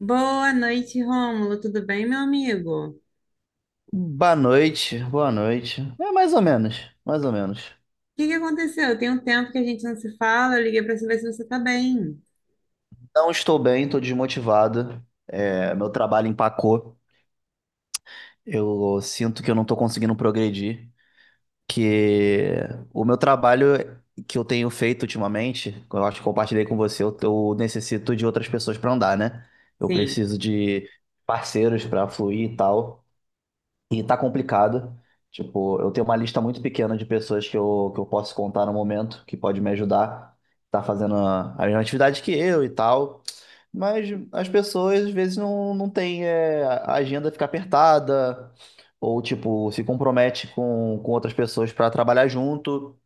Boa noite, Rômulo. Tudo bem, meu amigo? O Boa noite, boa noite. É mais ou menos, mais ou menos. que que aconteceu? Tem um tempo que a gente não se fala. Eu liguei para saber se você tá bem. Não estou bem, estou desmotivado. É, meu trabalho empacou. Eu sinto que eu não estou conseguindo progredir. Que o meu trabalho que eu tenho feito ultimamente, que eu acho que compartilhei com você, eu necessito de outras pessoas para andar, né? Eu Sim. preciso de parceiros para fluir e tal. E tá complicado. Tipo, eu tenho uma lista muito pequena de pessoas que eu posso contar no momento, que pode me ajudar. Tá fazendo a mesma atividade que eu e tal. Mas as pessoas, às vezes, não têm, é, a agenda fica apertada, ou, tipo, se compromete com outras pessoas para trabalhar junto.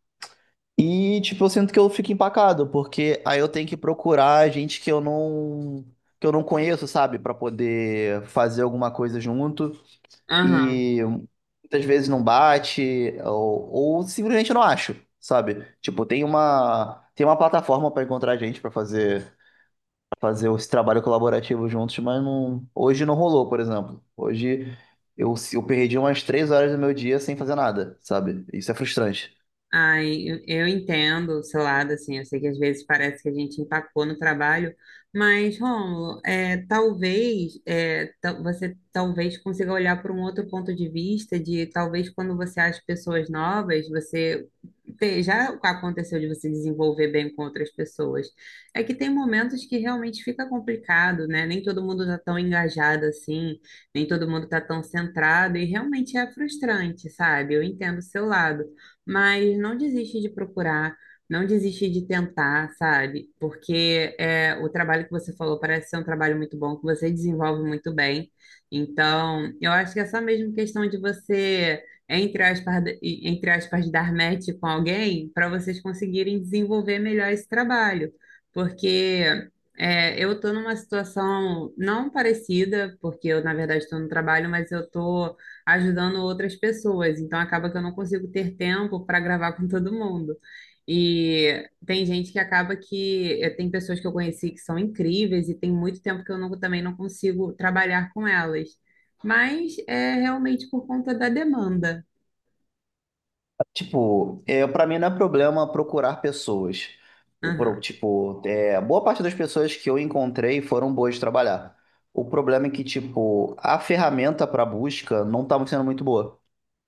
E, tipo, eu sinto que eu fico empacado, porque aí eu tenho que procurar gente que eu não conheço, sabe? Pra poder fazer alguma coisa junto Aham. e muitas vezes não bate, ou simplesmente eu não acho, sabe? Tipo, tem uma plataforma para encontrar gente pra fazer esse trabalho colaborativo juntos, mas não, hoje não rolou, por exemplo. Hoje eu perdi umas 3 horas do meu dia sem fazer nada, sabe? Isso é frustrante. Ai, eu entendo o seu lado, assim, eu sei que às vezes parece que a gente empacou no trabalho, mas, Rômulo, talvez você talvez consiga olhar por um outro ponto de vista, de talvez quando você acha pessoas novas, você já aconteceu de você desenvolver bem com outras pessoas. É que tem momentos que realmente fica complicado, né? Nem todo mundo tá tão engajado assim, nem todo mundo tá tão centrado, e realmente é frustrante, sabe? Eu entendo o seu lado. Mas não desiste de procurar, não desiste de tentar, sabe? Porque é, o trabalho que você falou parece ser um trabalho muito bom, que você desenvolve muito bem. Então, eu acho que é só mesmo questão de você, entre aspas, entre aspas, dar match com alguém para vocês conseguirem desenvolver melhor esse trabalho. Porque é, eu estou numa situação não parecida, porque eu, na verdade, estou no trabalho, mas eu estou ajudando outras pessoas, então acaba que eu não consigo ter tempo para gravar com todo mundo. E tem gente que acaba que tem pessoas que eu conheci que são incríveis e tem muito tempo que eu não, também não consigo trabalhar com elas. Mas é realmente por conta da demanda. Tipo, é, para mim não é problema procurar pessoas. O pro- Aham. tipo, é, boa parte das pessoas que eu encontrei foram boas de trabalhar. O problema é que, tipo, a ferramenta para busca não estava sendo muito boa,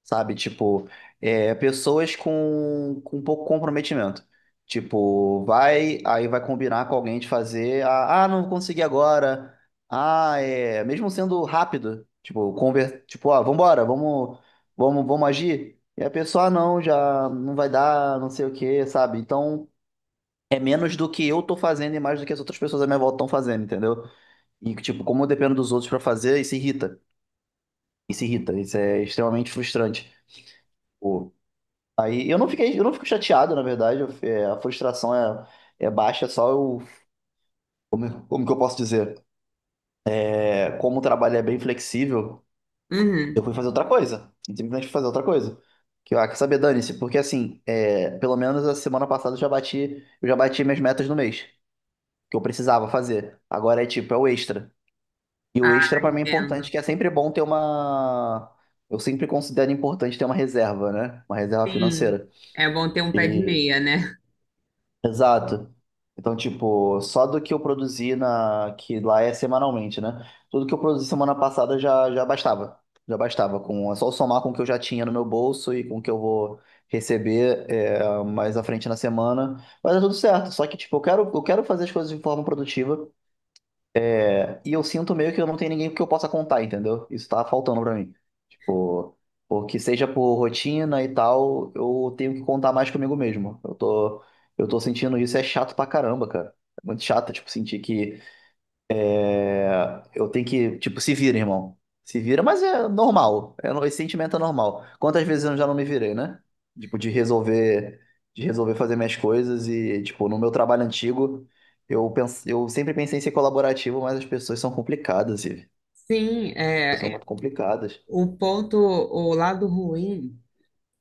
sabe? Tipo, é, pessoas com pouco comprometimento. Tipo, vai, aí vai combinar com alguém de fazer, não consegui agora. Ah, é, mesmo sendo rápido, tipo, tipo, ó, vambora, vamos, vamos, vamos agir. E a pessoa, ah, não, já não vai dar, não sei o quê, sabe? Então, é menos do que eu tô fazendo e mais do que as outras pessoas à minha volta estão fazendo, entendeu? E, tipo, como eu dependo dos outros pra fazer, isso irrita. Isso irrita, isso é extremamente frustrante. Pô, aí eu não fico chateado, na verdade. É, a frustração é baixa, é só eu, como que eu posso dizer? É, como o trabalho é bem flexível, eu Uhum. fui fazer outra coisa. Simplesmente fui fazer outra coisa. Que, ah, quer saber, dane-se, porque assim, é, pelo menos a semana passada eu já bati minhas metas no mês, que eu precisava fazer. Agora é tipo, é o extra. E o extra Ah, pra mim é entendo. importante, que é sempre bom ter uma. Eu sempre considero importante ter uma reserva, né? Uma reserva Sim. financeira. É bom ter um pé de meia, né? Exato. Então, tipo, só do que eu produzi que lá é semanalmente, né? Tudo que eu produzi semana passada já bastava. Já bastava. É só somar com o que eu já tinha no meu bolso e com o que eu vou receber é, mais à frente na semana. Mas é tudo certo. Só que, tipo, eu quero fazer as coisas de forma produtiva. E eu sinto meio que eu não tenho ninguém que eu possa contar, entendeu? Isso tá faltando pra mim. Tipo, porque seja por rotina e tal, eu tenho que contar mais comigo mesmo. Eu tô sentindo isso, é chato pra caramba, cara. É muito chato, tipo, sentir que eu tenho que, tipo, se vira, irmão. Se vira, mas é normal. É, esse sentimento é normal. Quantas vezes eu já não me virei, né? Tipo, de resolver, fazer minhas coisas e, tipo, no meu trabalho antigo, eu sempre pensei em ser colaborativo, mas as pessoas são complicadas, e Sim, é, são é, muito complicadas. o ponto, o lado ruim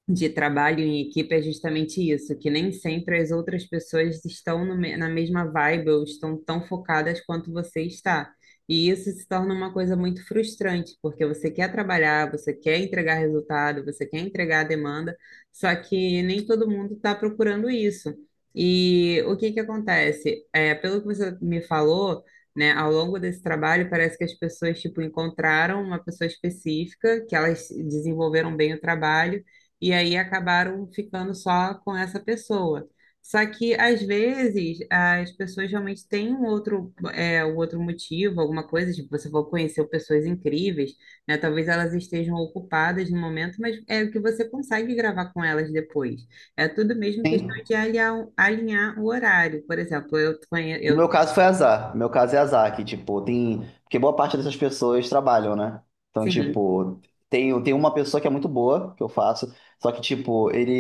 de trabalho em equipe é justamente isso, que nem sempre as outras pessoas estão no me- na mesma vibe ou estão tão focadas quanto você está. E isso se torna uma coisa muito frustrante, porque você quer trabalhar, você quer entregar resultado, você quer entregar a demanda, só que nem todo mundo está procurando isso. E o que que acontece? É, pelo que você me falou, né, ao longo desse trabalho, parece que as pessoas, tipo, encontraram uma pessoa específica, que elas desenvolveram bem o trabalho, e aí acabaram ficando só com essa pessoa. Só que às vezes as pessoas realmente têm um outro, é, um outro motivo, alguma coisa, tipo, você vai conhecer pessoas incríveis, né? Talvez elas estejam ocupadas no momento, mas é o que você consegue gravar com elas depois. É tudo mesmo Sim. questão de alinhar, alinhar o horário. Por exemplo, eu conheço, No eu, meu caso foi azar. No meu caso é azar, que, tipo, tem. Porque boa parte dessas pessoas trabalham, né? Então, sim, tipo, tem uma pessoa que é muito boa, que eu faço, só que, tipo, ele,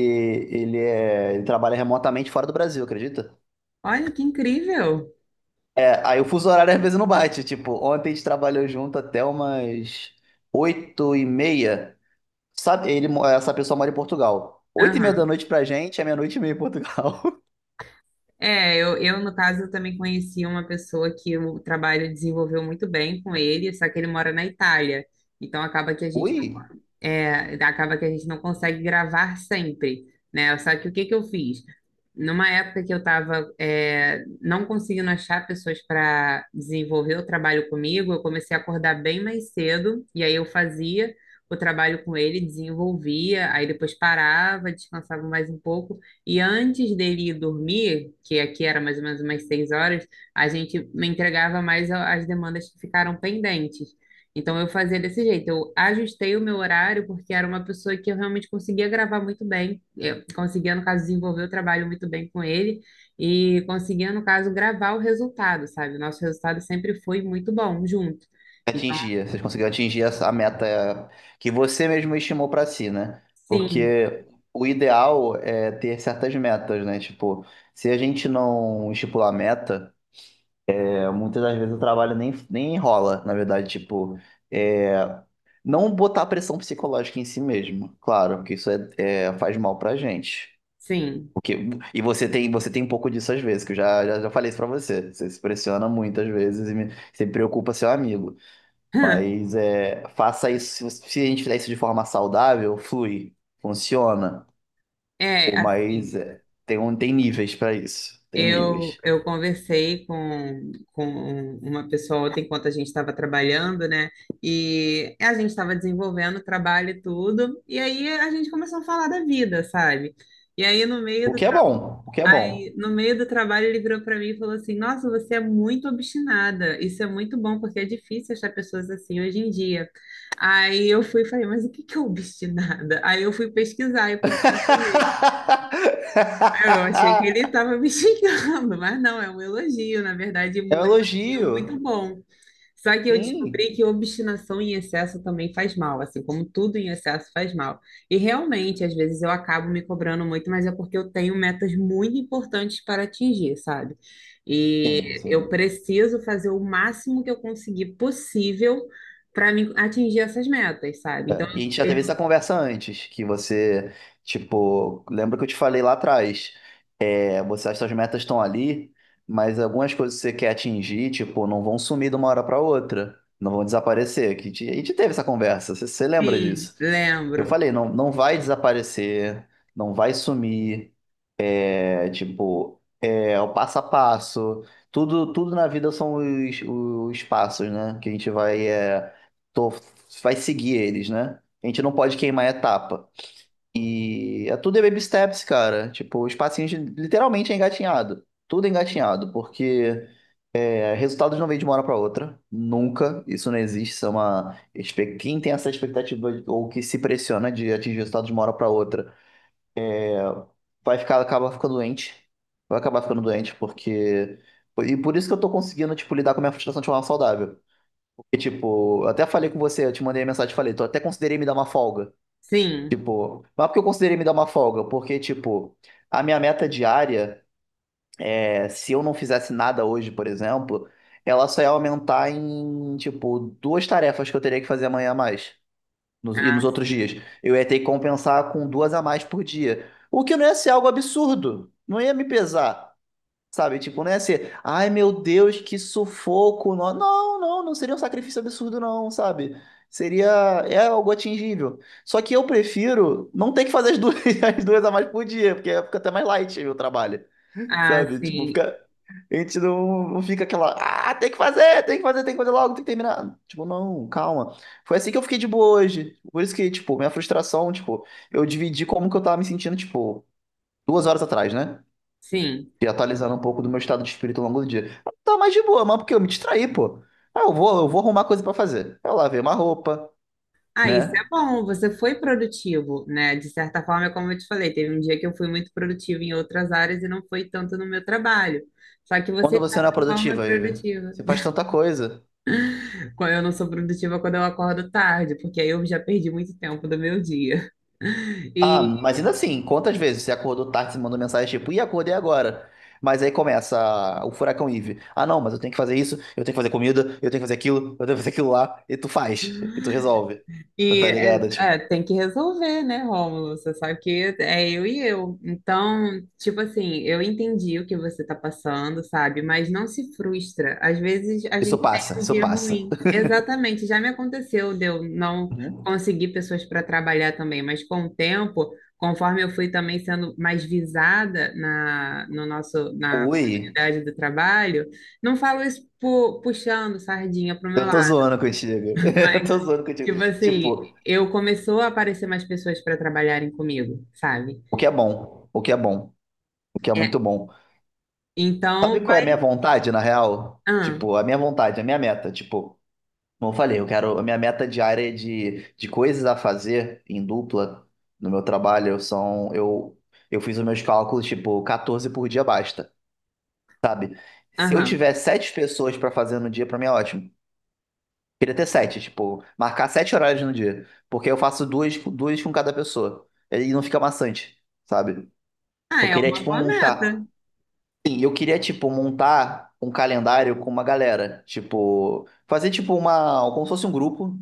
ele, é, ele trabalha remotamente fora do Brasil, acredita? olha que incrível. É, aí o fuso horário às vezes não bate. Tipo, ontem a gente trabalhou junto até umas 8h30. Sabe, essa pessoa mora em Portugal. 8h30 da Aham. noite pra gente é 00h30 em Portugal. No caso, eu também conheci uma pessoa que o trabalho desenvolveu muito bem com ele, só que ele mora na Itália. Então, Ui, acaba que a gente não consegue gravar sempre, né? Só que o que que eu fiz? Numa época que eu estava não conseguindo achar pessoas para desenvolver o trabalho comigo, eu comecei a acordar bem mais cedo, e aí eu fazia o trabalho com ele, desenvolvia, aí depois parava, descansava mais um pouco, e antes dele ir dormir, que aqui era mais ou menos umas 6 horas, a gente me entregava mais as demandas que ficaram pendentes. Então eu fazia desse jeito, eu ajustei o meu horário porque era uma pessoa que eu realmente conseguia gravar muito bem, eu conseguia, no caso, desenvolver o trabalho muito bem com ele e conseguia, no caso, gravar o resultado, sabe? O nosso resultado sempre foi muito bom junto. Então, vocês conseguiram atingir a meta que você mesmo estimou para si, né? sim, Porque o ideal é ter certas metas, né? Tipo, se a gente não estipular meta, é, muitas das vezes o trabalho nem enrola, na verdade, tipo, é, não botar pressão psicológica em si mesmo, claro, porque isso faz mal pra gente. sim. Porque, e você tem um pouco disso às vezes, que eu já falei isso pra você. Você se pressiona muitas vezes e você preocupa seu amigo. Mas é, faça isso, se a gente fizer isso de forma saudável, flui, funciona. É, Pô, mas assim. é, tem níveis pra isso, tem Eu, níveis. eu conversei com uma pessoa ontem, enquanto a gente estava trabalhando, né? E a gente estava desenvolvendo trabalho e tudo, e aí a gente começou a falar da vida, sabe? E aí, O que é bom, o que é bom. no meio do trabalho, ele virou para mim e falou assim: "Nossa, você é muito obstinada. Isso é muito bom, porque é difícil achar pessoas assim hoje em dia." Aí eu fui e falei: "Mas o que que é obstinada?" Aí eu fui pesquisar e procurar saber. Eu achei que ele estava me xingando, mas não, é um elogio, na verdade, É um um elogio muito elogio. bom. Só que eu Sim, descobri que obstinação em excesso também faz mal, assim como tudo em excesso faz mal. E realmente, às vezes eu acabo me cobrando muito, mas é porque eu tenho metas muito importantes para atingir, sabe? E sim, eu sim. preciso fazer o máximo que eu conseguir possível para me atingir essas metas, sabe? Então, É, e a gente já eu, teve essa conversa antes, que você, tipo, lembra que eu te falei lá atrás, é, você, as suas metas estão ali, mas algumas coisas que você quer atingir, tipo, não vão sumir de uma hora para outra, não vão desaparecer. Que a gente teve essa conversa, você lembra sim, disso? Eu lembro. falei, não, não vai desaparecer, não vai sumir, é, tipo, é o passo a passo, tudo na vida são os passos, né? Que a gente vai, é, tô- vai seguir eles, né? A gente não pode queimar a etapa. E é tudo é baby steps, cara. Tipo, os passinhos literalmente é engatinhado. Tudo é engatinhado, porque é, resultados não vêm de uma hora para outra, nunca, isso não existe. Quem tem essa expectativa ou que se pressiona de atingir resultados de uma hora para outra, acaba ficando doente, vai acabar ficando doente, porque. E por isso que eu tô conseguindo, tipo, lidar com a minha frustração de forma saudável. Porque, tipo, eu até falei com você, eu te mandei a mensagem e falei, tô até considerei me dar uma folga. Sim, Tipo, mas por que eu considerei me dar uma folga? Porque, tipo, a minha meta diária. É, se eu não fizesse nada hoje, por exemplo, ela só ia aumentar em, tipo, duas tarefas que eu teria que fazer amanhã a mais. E nos outros dias. assim, Eu ia ter que compensar com duas a mais por dia. O que não ia ser algo absurdo. Não ia me pesar. Sabe? Tipo, não ia ser, ai meu Deus, que sufoco. Não, não, não, não seria um sacrifício absurdo, não, sabe? Seria, é algo atingível. Só que eu prefiro não ter que fazer as duas, as duas a mais por dia, porque fica até mais light o trabalho. ah, Sabe? Tipo, sim. fica. A gente não fica aquela. Ah, tem que fazer, tem que fazer, tem que fazer logo, tem que terminar. Tipo, não, calma. Foi assim que eu fiquei de boa hoje. Por isso que, tipo, minha frustração, tipo, eu dividi como que eu tava me sentindo, tipo, 2 horas atrás, né? Sim. E atualizando um pouco do meu estado de espírito ao longo do dia. Eu tava mais de boa, mas porque eu me distraí, pô. Ah, eu vou arrumar coisa pra fazer. Eu lavei uma roupa, Ah, isso né? é bom, você foi produtivo, né? De certa forma, é como eu te falei, teve um dia que eu fui muito produtivo em outras áreas e não foi tanto no meu trabalho. Só que Quando você, de você não é certa forma, é produtiva, Iver, produtiva. você faz tanta coisa. Quando eu não sou produtiva quando eu acordo tarde, porque aí eu já perdi muito tempo do meu dia. Ah, E mas ainda assim, quantas vezes você acordou tarde e mandou mensagem tipo, e acordei agora? Mas aí começa o furacão Eve. Ah, não, mas eu tenho que fazer isso, eu tenho que fazer comida, eu tenho que fazer aquilo, eu tenho que fazer aquilo lá, e tu faz, e tu resolve. Tá E tá é, ligado? Tipo, é, tem que resolver, né, Rômulo? Você sabe que é eu e eu. Então, tipo assim, eu entendi o que você tá passando, sabe? Mas não se frustra. Às vezes a isso gente tem passa, um isso dia passa. ruim. Exatamente, já me aconteceu de eu não Uhum. conseguir pessoas para trabalhar também, mas com o tempo, conforme eu fui também sendo mais visada na, no nosso, na Ui, comunidade do trabalho, não falo isso puxando sardinha pro meu eu tô lado. zoando contigo. Eu tô zoando contigo. Tipo assim, Tipo, eu começou a aparecer mais pessoas para trabalharem comigo, sabe? o que é bom, o que é bom, o que é É, muito bom. então Sabe qual é a minha vai. vontade, na real? Ah, Tipo, a minha vontade, a minha meta, tipo. Como eu falei, eu quero. A minha meta diária é de coisas a fazer em dupla no meu trabalho são. Eu fiz os meus cálculos, tipo, 14 por dia basta, sabe? Se eu aham. tiver sete pessoas pra fazer no dia, pra mim é ótimo. Queria ter sete, tipo, marcar sete horários no dia. Porque eu faço duas, duas com cada pessoa. E não fica maçante, sabe? Ah, Eu é queria, uma tipo, boa montar. meta. Sim, eu queria, tipo, montar um calendário com uma galera. Tipo, fazer, tipo, uma. Como se fosse um grupo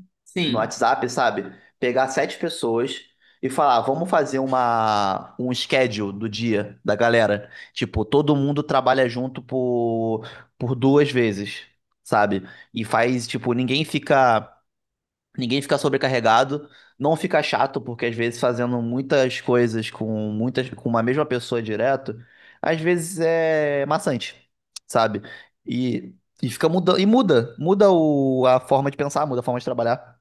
no Sim. WhatsApp, sabe? Pegar sete pessoas e falar, vamos fazer um schedule do dia da galera. Tipo, todo mundo trabalha junto por duas vezes, sabe? E faz, tipo, ninguém fica. Ninguém fica sobrecarregado, não fica chato, porque às vezes fazendo muitas coisas com uma mesma pessoa direto, às vezes é maçante, sabe? E, e fica mudando, e muda a forma de pensar, muda a forma de trabalhar.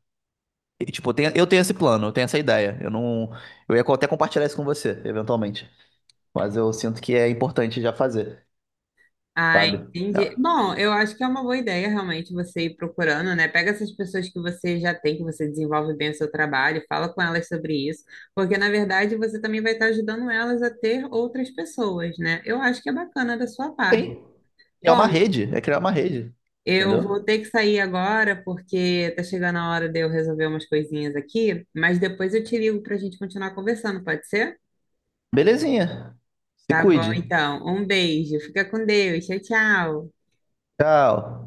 E, tipo, eu tenho esse plano, eu tenho essa ideia. Eu não, eu ia até compartilhar isso com você, eventualmente. Mas eu sinto que é importante já fazer, Ah, sabe? É, entendi. Bom, eu acho que é uma boa ideia realmente você ir procurando, né? Pega essas pessoas que você já tem, que você desenvolve bem o seu trabalho, fala com elas sobre isso, porque na verdade você também vai estar ajudando elas a ter outras pessoas, né? Eu acho que é bacana da sua parte. tem, é uma Bom, rede, é criar uma rede, eu entendeu? vou ter que sair agora porque tá chegando a hora de eu resolver umas coisinhas aqui, mas depois eu te ligo pra gente continuar conversando, pode ser? Belezinha. Se Tá bom, cuide. então. Um beijo. Fica com Deus. Tchau, tchau. Tchau.